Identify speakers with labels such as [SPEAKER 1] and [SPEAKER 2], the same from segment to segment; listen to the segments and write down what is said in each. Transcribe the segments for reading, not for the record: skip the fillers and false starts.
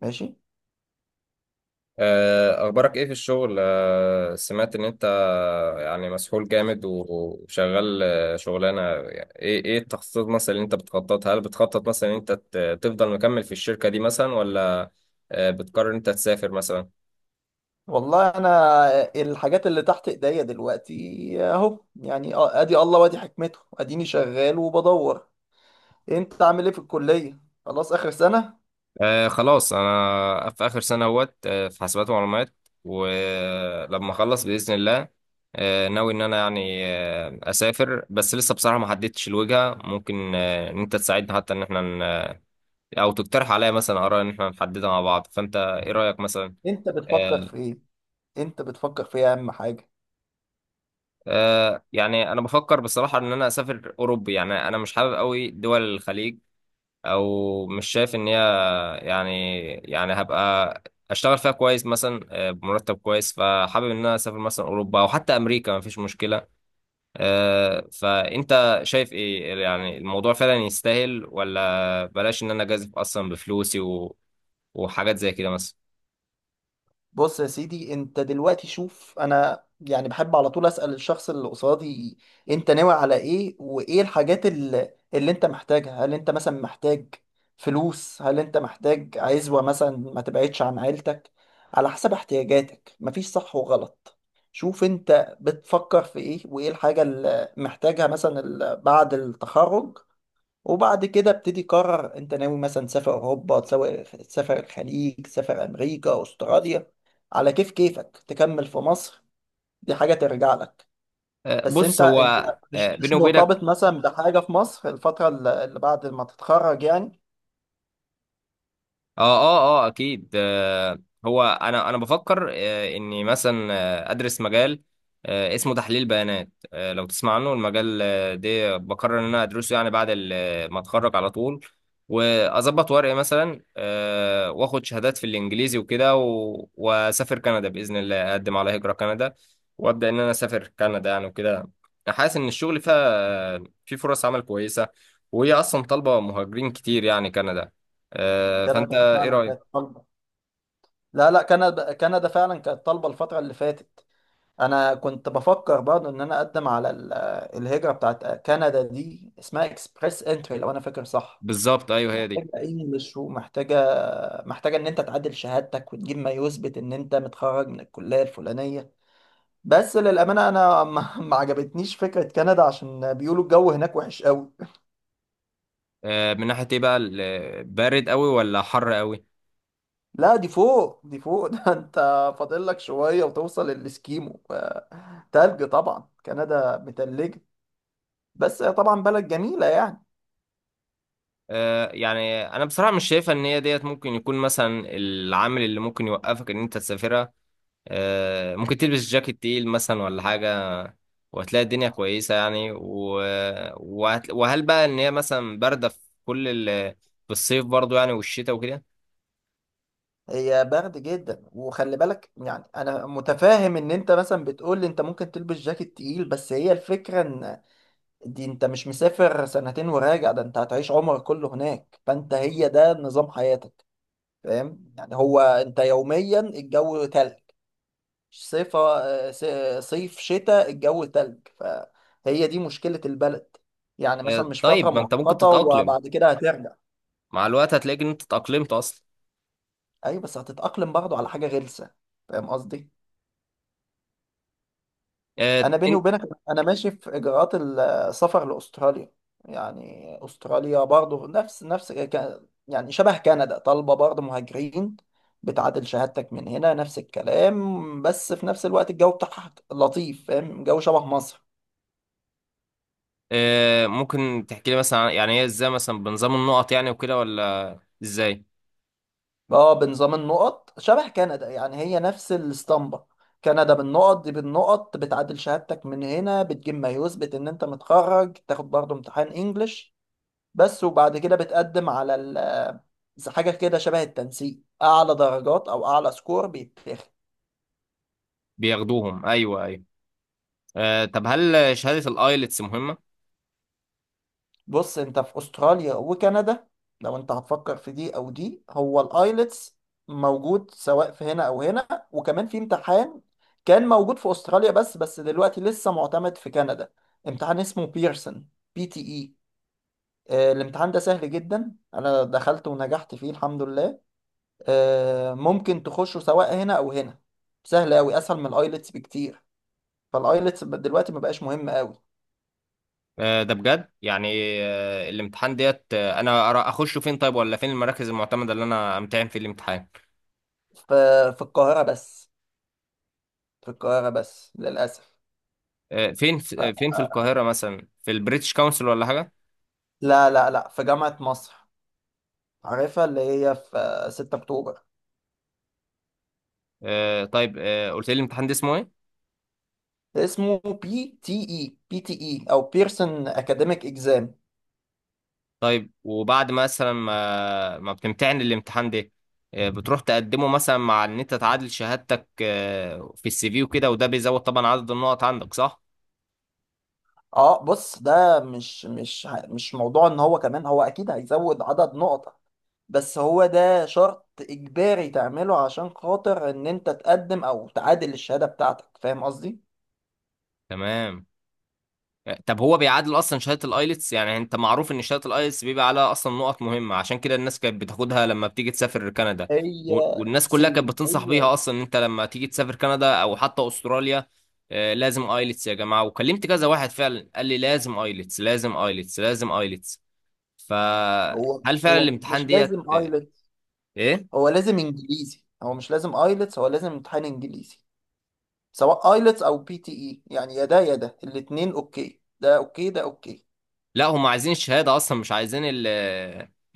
[SPEAKER 1] ماشي.
[SPEAKER 2] أخبارك إيه في الشغل؟ سمعت إن أنت يعني مسحول جامد وشغال. شغلانة، يعني إيه التخطيط مثلا اللي أنت بتخططها؟ هل بتخطط مثلا إن أنت تفضل مكمل في الشركة دي مثلا، ولا بتقرر إن أنت تسافر مثلا؟
[SPEAKER 1] والله انا الحاجات اللي تحت ايديا دلوقتي اهو، يعني ادي الله وادي حكمته، اديني شغال وبدور. انت عامل ايه في الكلية؟ خلاص اخر سنة؟
[SPEAKER 2] خلاص، انا في اخر سنه اهوت، في حاسبات ومعلومات. ولما اخلص باذن الله ناوي ان انا يعني اسافر، بس لسه بصراحه ما حددتش الوجهه. ممكن ان انت تساعدني حتى ان احنا، او تقترح عليا مثلا اراء ان احنا نحددها مع بعض. فانت ايه رايك مثلا؟
[SPEAKER 1] انت بتفكر
[SPEAKER 2] آه
[SPEAKER 1] في ايه؟ انت بتفكر في ايه اهم حاجة؟
[SPEAKER 2] يعني انا بفكر بصراحه ان انا اسافر اوروبي، يعني انا مش حابب قوي دول الخليج، او مش شايف ان هي يعني هبقى اشتغل فيها كويس مثلا، بمرتب كويس. فحابب ان انا اسافر مثلا اوروبا او حتى امريكا، مفيش مشكله. فانت شايف ايه؟ يعني الموضوع فعلا يستاهل، ولا بلاش ان انا جازف اصلا بفلوسي وحاجات زي كده مثلا.
[SPEAKER 1] بص يا سيدي، انت دلوقتي شوف، انا يعني بحب على طول اسأل الشخص اللي قصادي، انت ناوي على ايه وايه الحاجات اللي انت محتاجها؟ هل انت مثلا محتاج فلوس؟ هل انت محتاج عزوة مثلا ما تبعدش عن عيلتك؟ على حسب احتياجاتك، مفيش صح وغلط. شوف انت بتفكر في ايه وايه الحاجة اللي محتاجها مثلا بعد التخرج، وبعد كده ابتدي قرر انت ناوي مثلا تسافر اوروبا، تسافر، تسافر الخليج، تسافر امريكا، استراليا، على كيف كيفك، تكمل في مصر. دي حاجة ترجع لك. بس انت
[SPEAKER 2] بص، هو،
[SPEAKER 1] انت مش
[SPEAKER 2] بيني
[SPEAKER 1] مش
[SPEAKER 2] وبينك،
[SPEAKER 1] مرتبط مثلا بحاجة في مصر الفترة اللي بعد ما تتخرج يعني؟
[SPEAKER 2] اه اكيد. هو انا بفكر اني مثلا ادرس مجال اسمه تحليل بيانات. لو تسمع عنه، المجال ده بقرر ان انا ادرسه، يعني بعد ما اتخرج على طول. واظبط ورقي مثلا، واخد شهادات في الانجليزي وكده، واسافر كندا باذن الله، اقدم على هجرة كندا وابدا ان انا اسافر كندا يعني وكده. حاسس ان الشغل فيها، في فرص عمل كويسة، وهي اصلا طالبة مهاجرين كتير يعني، كندا.
[SPEAKER 1] كندا
[SPEAKER 2] فانت
[SPEAKER 1] كانت
[SPEAKER 2] ايه
[SPEAKER 1] فعلا كانت
[SPEAKER 2] رأيك؟
[SPEAKER 1] طالبة. لا لا، كندا فعلا كانت طالبة الفترة اللي فاتت. انا كنت بفكر برضه ان انا اقدم على الهجرة بتاعت كندا دي، اسمها اكسبريس انتري لو انا فاكر صح.
[SPEAKER 2] بالظبط، ايوه، هي دي.
[SPEAKER 1] محتاجة أي مشروع، محتاجة، محتاجة إن أنت تعدل شهادتك وتجيب ما يثبت إن أنت متخرج من الكلية الفلانية. بس للأمانة أنا ما عجبتنيش فكرة كندا، عشان بيقولوا الجو هناك وحش قوي.
[SPEAKER 2] من ناحية ايه بقى؟ بارد قوي ولا حر قوي؟
[SPEAKER 1] لا، دي فوق، دي فوق ده أنت فاضل لك شوية وتوصل للإسكيمو. تلج طبعا، كندا متلجة. بس هي طبعا بلد جميلة يعني.
[SPEAKER 2] يعني انا بصراحة مش شايفة ان هي ديت ممكن يكون مثلا العامل اللي ممكن يوقفك ان انت تسافرها. ممكن تلبس جاكيت تقيل مثلا ولا حاجة، وهتلاقي الدنيا كويسة يعني. وهل بقى ان هي مثلا باردة في كل ال... في الصيف برضو، يعني، والشتاء وكده؟
[SPEAKER 1] هي برد جدا، وخلي بالك يعني انا متفاهم ان انت مثلا بتقول لي انت ممكن تلبس جاكيت تقيل، بس هي الفكره ان دي انت مش مسافر سنتين وراجع، ده انت هتعيش عمرك كله هناك، فانت هي ده نظام حياتك. فاهم يعني، هو انت يوميا الجو تلج. صيف، صيف شتاء، الجو تلج. فهي دي مشكلة البلد، يعني مثلا مش فترة
[SPEAKER 2] طيب، ما انت ممكن
[SPEAKER 1] مؤقتة
[SPEAKER 2] تتأقلم،
[SPEAKER 1] وبعد كده هترجع.
[SPEAKER 2] مع الوقت هتلاقي ان انت اتأقلمت اصلا.
[SPEAKER 1] ايوه بس هتتأقلم برضه على حاجة غلسة، فاهم قصدي؟
[SPEAKER 2] آه،
[SPEAKER 1] انا بيني وبينك انا ماشي في اجراءات السفر لاستراليا. يعني استراليا برضو يعني شبه كندا، طالبه برضو مهاجرين، بتعادل شهادتك من هنا نفس الكلام، بس في نفس الوقت الجو بتاعها لطيف، فاهم؟ جو شبه مصر.
[SPEAKER 2] ممكن تحكي لي مثلا يعني هي ازاي مثلا بنظام النقط يعني وكده، ولا ازاي
[SPEAKER 1] اه، بنظام النقط شبه كندا، يعني هي نفس الاسطمبة. كندا بالنقط دي، بالنقط بتعادل شهادتك من هنا، بتجيب ما يثبت ان انت متخرج، تاخد برضو امتحان انجلش بس، وبعد كده بتقدم على زي حاجة كده شبه التنسيق، أعلى درجات أو أعلى سكور بيتاخد.
[SPEAKER 2] بياخدوهم؟ ايوه، ايوه. طب هل شهادة الايلتس مهمة؟
[SPEAKER 1] بص، أنت في أستراليا وكندا لو أنت هتفكر في دي أو دي، هو الآيلتس موجود سواء في هنا أو هنا، وكمان في امتحان كان موجود في أستراليا بس، دلوقتي لسه معتمد في كندا، امتحان اسمه بيرسون، بي تي إي. الامتحان ده سهل جدا، أنا دخلت ونجحت فيه الحمد لله. ممكن تخشه سواء هنا او هنا، سهل قوي، اسهل من الايلتس بكتير. فالايلتس دلوقتي ما بقاش مهم قوي.
[SPEAKER 2] ده بجد يعني؟ الامتحان ديت، انا اخشه فين طيب، ولا فين المراكز المعتمدة اللي انا امتحن في الامتحان؟
[SPEAKER 1] ف- في القاهره بس، في القاهره بس للاسف.
[SPEAKER 2] فين
[SPEAKER 1] ف-
[SPEAKER 2] فين في القاهرة مثلا؟ في البريتش كونسل ولا حاجة؟
[SPEAKER 1] لا لا لا، في جامعه مصر، عارفها اللي هي في 6 اكتوبر.
[SPEAKER 2] طيب، قلت لي الامتحان ده اسمه ايه؟
[SPEAKER 1] اسمه بي تي اي، بي تي اي او بيرسون اكاديميك اكزام.
[SPEAKER 2] طيب، وبعد مثلا ما بتمتحن الامتحان ده، بتروح تقدمه مثلا، مع ان انت تعادل شهادتك في السي في وكده، وده بيزود طبعا عدد النقط عندك، صح؟
[SPEAKER 1] اه بص، ده مش موضوع ان هو كمان، هو اكيد هيزود عدد نقط، بس هو ده شرط إجباري تعمله عشان خاطر إن أنت تقدم أو تعادل الشهادة بتاعتك، فاهم قصدي؟
[SPEAKER 2] تمام. طب هو بيعادل اصلا شهادة الايلتس؟ يعني انت معروف ان شهادة الايلتس بيبقى عليها اصلا نقط مهمة، عشان كده الناس كانت بتاخدها لما بتيجي تسافر كندا.
[SPEAKER 1] هي
[SPEAKER 2] والناس كلها كانت
[SPEAKER 1] سيم.
[SPEAKER 2] بتنصح
[SPEAKER 1] هي
[SPEAKER 2] بيها اصلا ان انت لما تيجي تسافر كندا او حتى استراليا، لازم ايلتس يا جماعة. وكلمت كذا واحد فعلا قال لي لازم ايلتس، لازم ايلتس، لازم ايلتس.
[SPEAKER 1] هو
[SPEAKER 2] فهل فعلا
[SPEAKER 1] هو
[SPEAKER 2] الامتحان
[SPEAKER 1] مش
[SPEAKER 2] ديت؟
[SPEAKER 1] لازم ايلتس،
[SPEAKER 2] ايه،
[SPEAKER 1] هو لازم إنجليزي، هو مش لازم ايلتس، هو لازم امتحان إنجليزي، سواء ايلتس أو بي تي إي، يعني يا ده يا ده، الاتنين أوكي، ده أوكي، ده أوكي.
[SPEAKER 2] لا، هم عايزين الشهاده اصلا، مش عايزين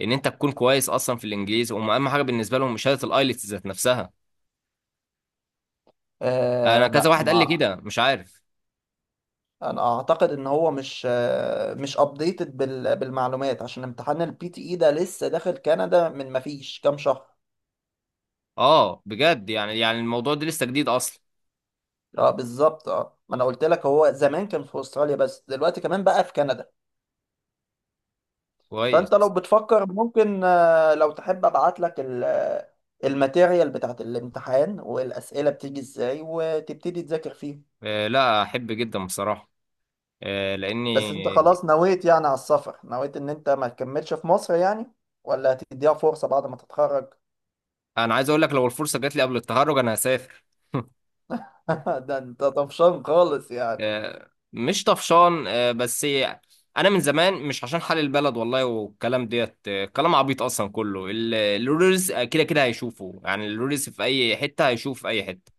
[SPEAKER 2] ان انت تكون كويس اصلا في الانجليزي. هم اهم حاجه بالنسبه لهم شهاده الايلتس ذات نفسها.
[SPEAKER 1] آه
[SPEAKER 2] انا كذا
[SPEAKER 1] لا،
[SPEAKER 2] واحد قال لي
[SPEAKER 1] مع
[SPEAKER 2] كده، مش عارف.
[SPEAKER 1] انا اعتقد ان هو مش مش ابديتد بال... بالمعلومات، عشان امتحان البي تي اي ده لسه داخل كندا من ما فيش كام شهر.
[SPEAKER 2] اه، بجد يعني؟ يعني الموضوع ده لسه جديد اصلا؟
[SPEAKER 1] اه بالظبط، اه ما انا قلت لك هو زمان كان في استراليا بس، دلوقتي كمان بقى في كندا. فانت لو
[SPEAKER 2] كويس.
[SPEAKER 1] بتفكر ممكن، لو تحب ابعت لك الماتيريال بتاعت الامتحان والاسئله بتيجي ازاي، وتبتدي تذاكر فيهم.
[SPEAKER 2] لا، احب جدا بصراحه، لاني
[SPEAKER 1] بس انت خلاص نويت يعني على السفر، نويت ان انت ما تكملش في مصر يعني، ولا هتديها فرصه بعد ما تتخرج؟
[SPEAKER 2] انا عايز اقول لك، لو الفرصه جات لي قبل التخرج انا هسافر.
[SPEAKER 1] ده انت طفشان خالص يعني.
[SPEAKER 2] مش طفشان، بس انا من زمان. مش عشان حال البلد والله والكلام ديت، كلام عبيط اصلا. كله الرولز كده كده هيشوفه، يعني الرولز في اي حته هيشوف في اي حته.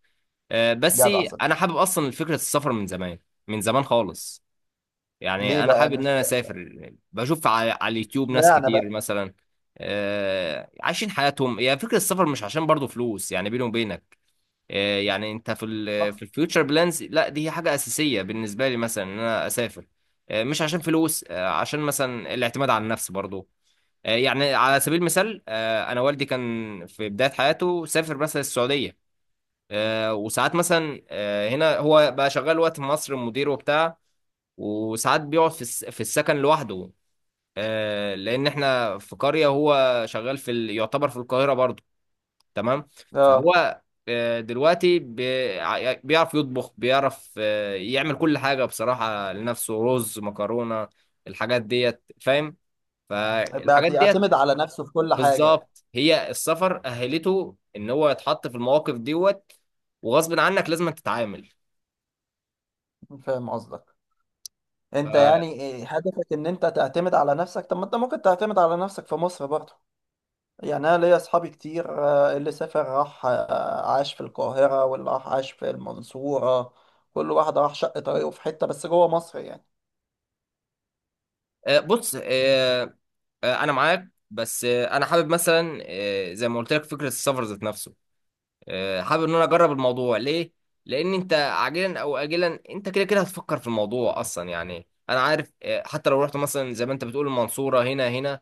[SPEAKER 2] بس
[SPEAKER 1] جدع
[SPEAKER 2] انا
[SPEAKER 1] صدقني.
[SPEAKER 2] حابب اصلا فكره السفر من زمان، من زمان خالص.
[SPEAKER 1] ليه
[SPEAKER 2] يعني انا
[SPEAKER 1] بقى
[SPEAKER 2] حابب ان انا
[SPEAKER 1] نفسي؟
[SPEAKER 2] اسافر، بشوف على اليوتيوب ناس
[SPEAKER 1] اشمعنى
[SPEAKER 2] كتير
[SPEAKER 1] بقى؟
[SPEAKER 2] مثلا عايشين حياتهم. هي فكره السفر مش عشان برضو فلوس يعني، بيني وبينك. يعني انت في في
[SPEAKER 1] صح.
[SPEAKER 2] الفيوتشر بلانز، لا، دي هي حاجه اساسيه بالنسبه لي مثلا، ان انا اسافر، مش عشان فلوس، عشان مثلا الاعتماد على النفس برضو. يعني على سبيل المثال، انا والدي كان في بدايه حياته سافر مثلا السعوديه، وساعات مثلا هنا، هو بقى شغال وقت في مصر، مدير وبتاع، وساعات بيقعد في السكن لوحده، لان احنا في قريه، هو شغال يعتبر في القاهره برضو، تمام.
[SPEAKER 1] اه،
[SPEAKER 2] فهو دلوقتي بيعرف يطبخ، بيعرف يعمل كل حاجة بصراحة لنفسه، رز، مكرونة، الحاجات ديت، فاهم؟
[SPEAKER 1] بقى
[SPEAKER 2] فالحاجات ديت
[SPEAKER 1] بيعتمد على نفسه في كل حاجه يعني.
[SPEAKER 2] بالظبط، هي السفر أهلته إن هو يتحط في المواقف دوت، وغصب عنك لازم تتعامل.
[SPEAKER 1] فاهم قصدك. انت
[SPEAKER 2] ف-
[SPEAKER 1] يعني إيه هدفك ان انت تعتمد على نفسك؟ طب ما انت ممكن تعتمد على نفسك في مصر برضه. يعني انا ليا اصحابي كتير، اللي سافر راح، عاش في القاهرة، واللي راح عاش في المنصورة، كل واحد راح شق طريقه في حتة بس جوه مصر يعني.
[SPEAKER 2] بص، أنا معاك، بس أنا حابب مثلا، زي ما قلت لك فكرة السفر ذات نفسه، حابب ان انا اجرب الموضوع. ليه؟ لان انت عاجلا او اجلا انت كده كده هتفكر في الموضوع اصلا، يعني انا عارف حتى لو رحت مثلا زي ما انت بتقول، المنصورة، هنا هنا،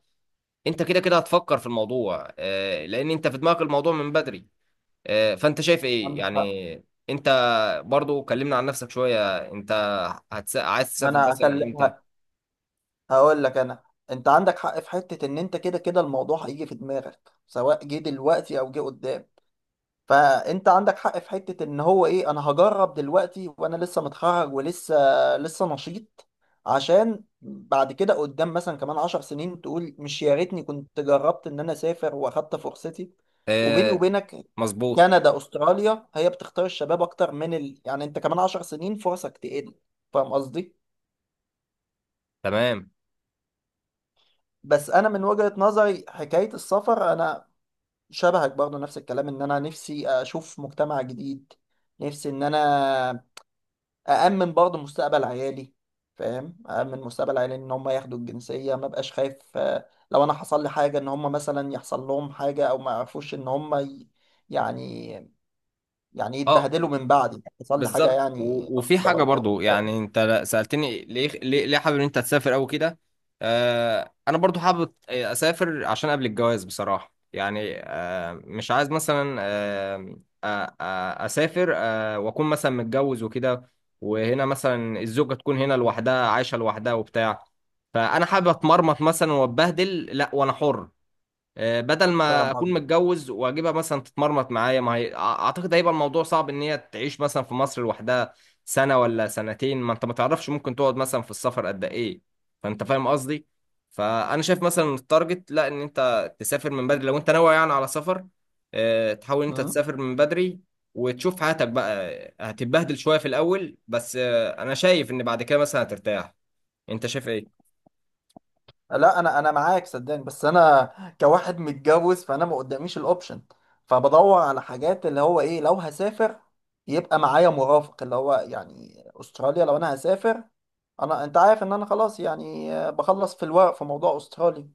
[SPEAKER 2] انت كده كده هتفكر في الموضوع، لان انت في دماغك الموضوع من بدري. فانت شايف ايه
[SPEAKER 1] عندك حق.
[SPEAKER 2] يعني؟ انت برضو كلمنا عن نفسك شوية، انت عايز تسافر
[SPEAKER 1] انا
[SPEAKER 2] مثلا امتى؟
[SPEAKER 1] هكلمك، هقول لك انا. انت عندك حق في حتة ان انت كده كده الموضوع هيجي في دماغك، سواء جه دلوقتي او جه قدام. فانت عندك حق في حتة ان هو ايه، انا هجرب دلوقتي وانا لسه متخرج، ولسه نشيط، عشان بعد كده قدام مثلا كمان 10 سنين تقول مش يا ريتني كنت جربت ان انا اسافر واخدت فرصتي. وبيني
[SPEAKER 2] آه،
[SPEAKER 1] وبينك،
[SPEAKER 2] مظبوط.
[SPEAKER 1] كندا استراليا هي بتختار الشباب اكتر من ال... يعني انت كمان 10 سنين فرصك تقل، فاهم قصدي؟
[SPEAKER 2] تمام.
[SPEAKER 1] بس انا من وجهة نظري حكاية السفر، انا شبهك برضه نفس الكلام، ان انا نفسي اشوف مجتمع جديد، نفسي ان انا أأمن برضه مستقبل عيالي، فاهم؟ أأمن مستقبل عيالي إن هم ياخدوا الجنسية، ما بقاش خايف لو أنا حصل لي حاجة إن هم مثلا يحصل لهم حاجة أو ما يعرفوش إن هم ي... يعني، يعني
[SPEAKER 2] اه،
[SPEAKER 1] يتبهدلوا من بعدي، حصل لي حاجة
[SPEAKER 2] بالظبط.
[SPEAKER 1] يعني
[SPEAKER 2] و-
[SPEAKER 1] لا
[SPEAKER 2] وفي
[SPEAKER 1] قدر
[SPEAKER 2] حاجة
[SPEAKER 1] الله،
[SPEAKER 2] برضو
[SPEAKER 1] فاهم؟
[SPEAKER 2] يعني انت سألتني ليه ليه, ليه حابب ان انت تسافر قوي كده آه انا برضو حابب اسافر عشان قبل الجواز بصراحة يعني آه مش عايز مثلا آه آه آه اسافر آه واكون مثلا متجوز وكده وهنا مثلا الزوجة تكون هنا لوحدها عايشة لوحدها وبتاع فانا حابب اتمرمط مثلا واتبهدل لا وانا حر آه، بدل
[SPEAKER 1] فاهم
[SPEAKER 2] ما اكون
[SPEAKER 1] قصدي؟
[SPEAKER 2] متجوز واجيبها مثلا تتمرمط معايا ما هي أع- اعتقد هيبقى الموضوع صعب ان هي تعيش مثلا في مصر لوحدها سنة ولا سنتين ما انت ما تعرفش ممكن تقعد مثلا في السفر قد ايه فانت فاهم قصدي فانا شايف مثلا التارجت لا ان انت تسافر من بدري لو انت ناوي يعني على سفر آه، تحاول إن انت تسافر من بدري وتشوف حياتك بقى آه، هتتبهدل شوية في الاول بس آه، انا شايف ان بعد كده مثلا هترتاح انت شايف ايه
[SPEAKER 1] لا انا معاك صدقني، بس انا كواحد متجوز فانا ما قداميش الاوبشن، فبدور على حاجات اللي هو ايه لو هسافر يبقى معايا مرافق، اللي هو يعني استراليا لو انا هسافر، انا انت عارف ان انا خلاص يعني، بخلص في الورق في موضوع استراليا.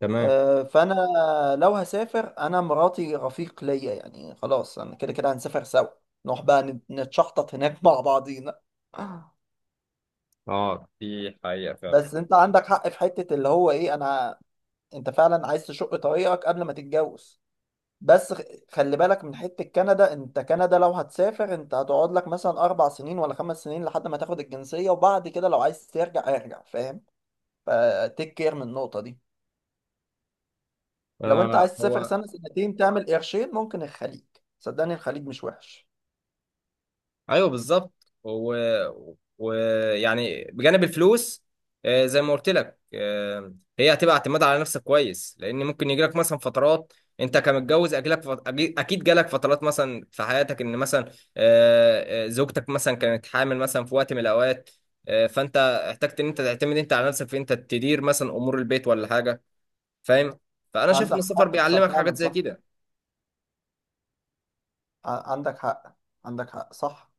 [SPEAKER 2] تمام
[SPEAKER 1] فانا لو هسافر انا مراتي رفيق ليا يعني، خلاص انا كده كده هنسافر سوا، نروح بقى نتشحطط هناك مع بعضينا.
[SPEAKER 2] اه دي حقيقة فعلا
[SPEAKER 1] بس انت عندك حق في حتة اللي هو ايه، انا انت فعلا عايز تشق طريقك قبل ما تتجوز. بس خلي بالك من حتة كندا، انت كندا لو هتسافر انت هتقعد لك مثلا 4 سنين ولا 5 سنين لحد ما تاخد الجنسية، وبعد كده لو عايز ترجع ارجع، فاهم؟ فتيك كير من النقطة دي. لو انت عايز
[SPEAKER 2] آه
[SPEAKER 1] تسافر
[SPEAKER 2] هو
[SPEAKER 1] سنة سنتين تعمل قرشين ممكن الخليج، صدقني الخليج مش وحش.
[SPEAKER 2] ايوه بالظبط ويعني بجانب الفلوس، زي ما قلت لك، هي هتبقى اعتماد على نفسك كويس، لان ممكن يجي لك مثلا فترات، انت كمتجوز اجلك اكيد جالك فترات مثلا في حياتك، ان مثلا زوجتك مثلا كانت حامل مثلا في وقت من الاوقات، فانت احتجت ان انت تعتمد، انت، على نفسك في انت تدير مثلا امور البيت ولا حاجه، فاهم؟ فانا شايف ان
[SPEAKER 1] عندك
[SPEAKER 2] السفر
[SPEAKER 1] حق بس
[SPEAKER 2] بيعلمك حاجات
[SPEAKER 1] فعلا
[SPEAKER 2] زي
[SPEAKER 1] صح،
[SPEAKER 2] كده.
[SPEAKER 1] عندك حق، عندك حق صح.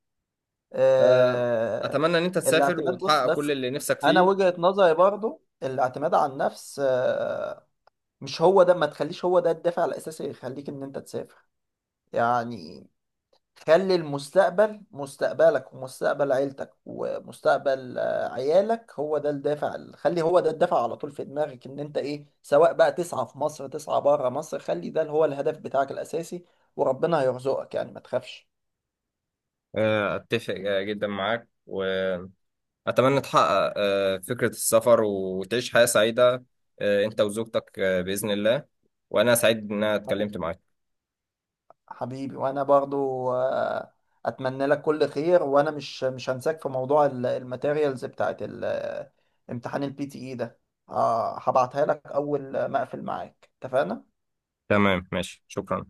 [SPEAKER 2] آه،
[SPEAKER 1] اه...
[SPEAKER 2] اتمنى ان انت تسافر
[SPEAKER 1] الاعتماد، بص
[SPEAKER 2] وتحقق كل
[SPEAKER 1] بس
[SPEAKER 2] اللي نفسك
[SPEAKER 1] انا
[SPEAKER 2] فيه.
[SPEAKER 1] وجهة نظري برضو الاعتماد على النفس مش هو ده، ما تخليش هو ده الدافع الاساسي اللي يخليك ان انت تسافر، يعني. خلي المستقبل، مستقبلك ومستقبل عيلتك ومستقبل عيالك، هو ده الدافع، خلي هو ده الدافع على طول في دماغك ان انت ايه، سواء بقى تسعى في مصر تسعى بره مصر، خلي ده هو الهدف بتاعك الاساسي، وربنا هيرزقك يعني ما تخافش.
[SPEAKER 2] أتفق جدا معاك، وأتمنى تحقق فكرة السفر وتعيش حياة سعيدة أنت وزوجتك بإذن الله. وأنا سعيد إن أنا اتكلمت معاك.
[SPEAKER 1] حبيبي، وانا برضو اتمنى لك كل خير، وانا مش هنساك في موضوع الماتيريالز بتاعت امتحان البي تي اي ده، هبعتها لك اول ما اقفل معاك، اتفقنا؟
[SPEAKER 2] تمام، ماشي، شكرا.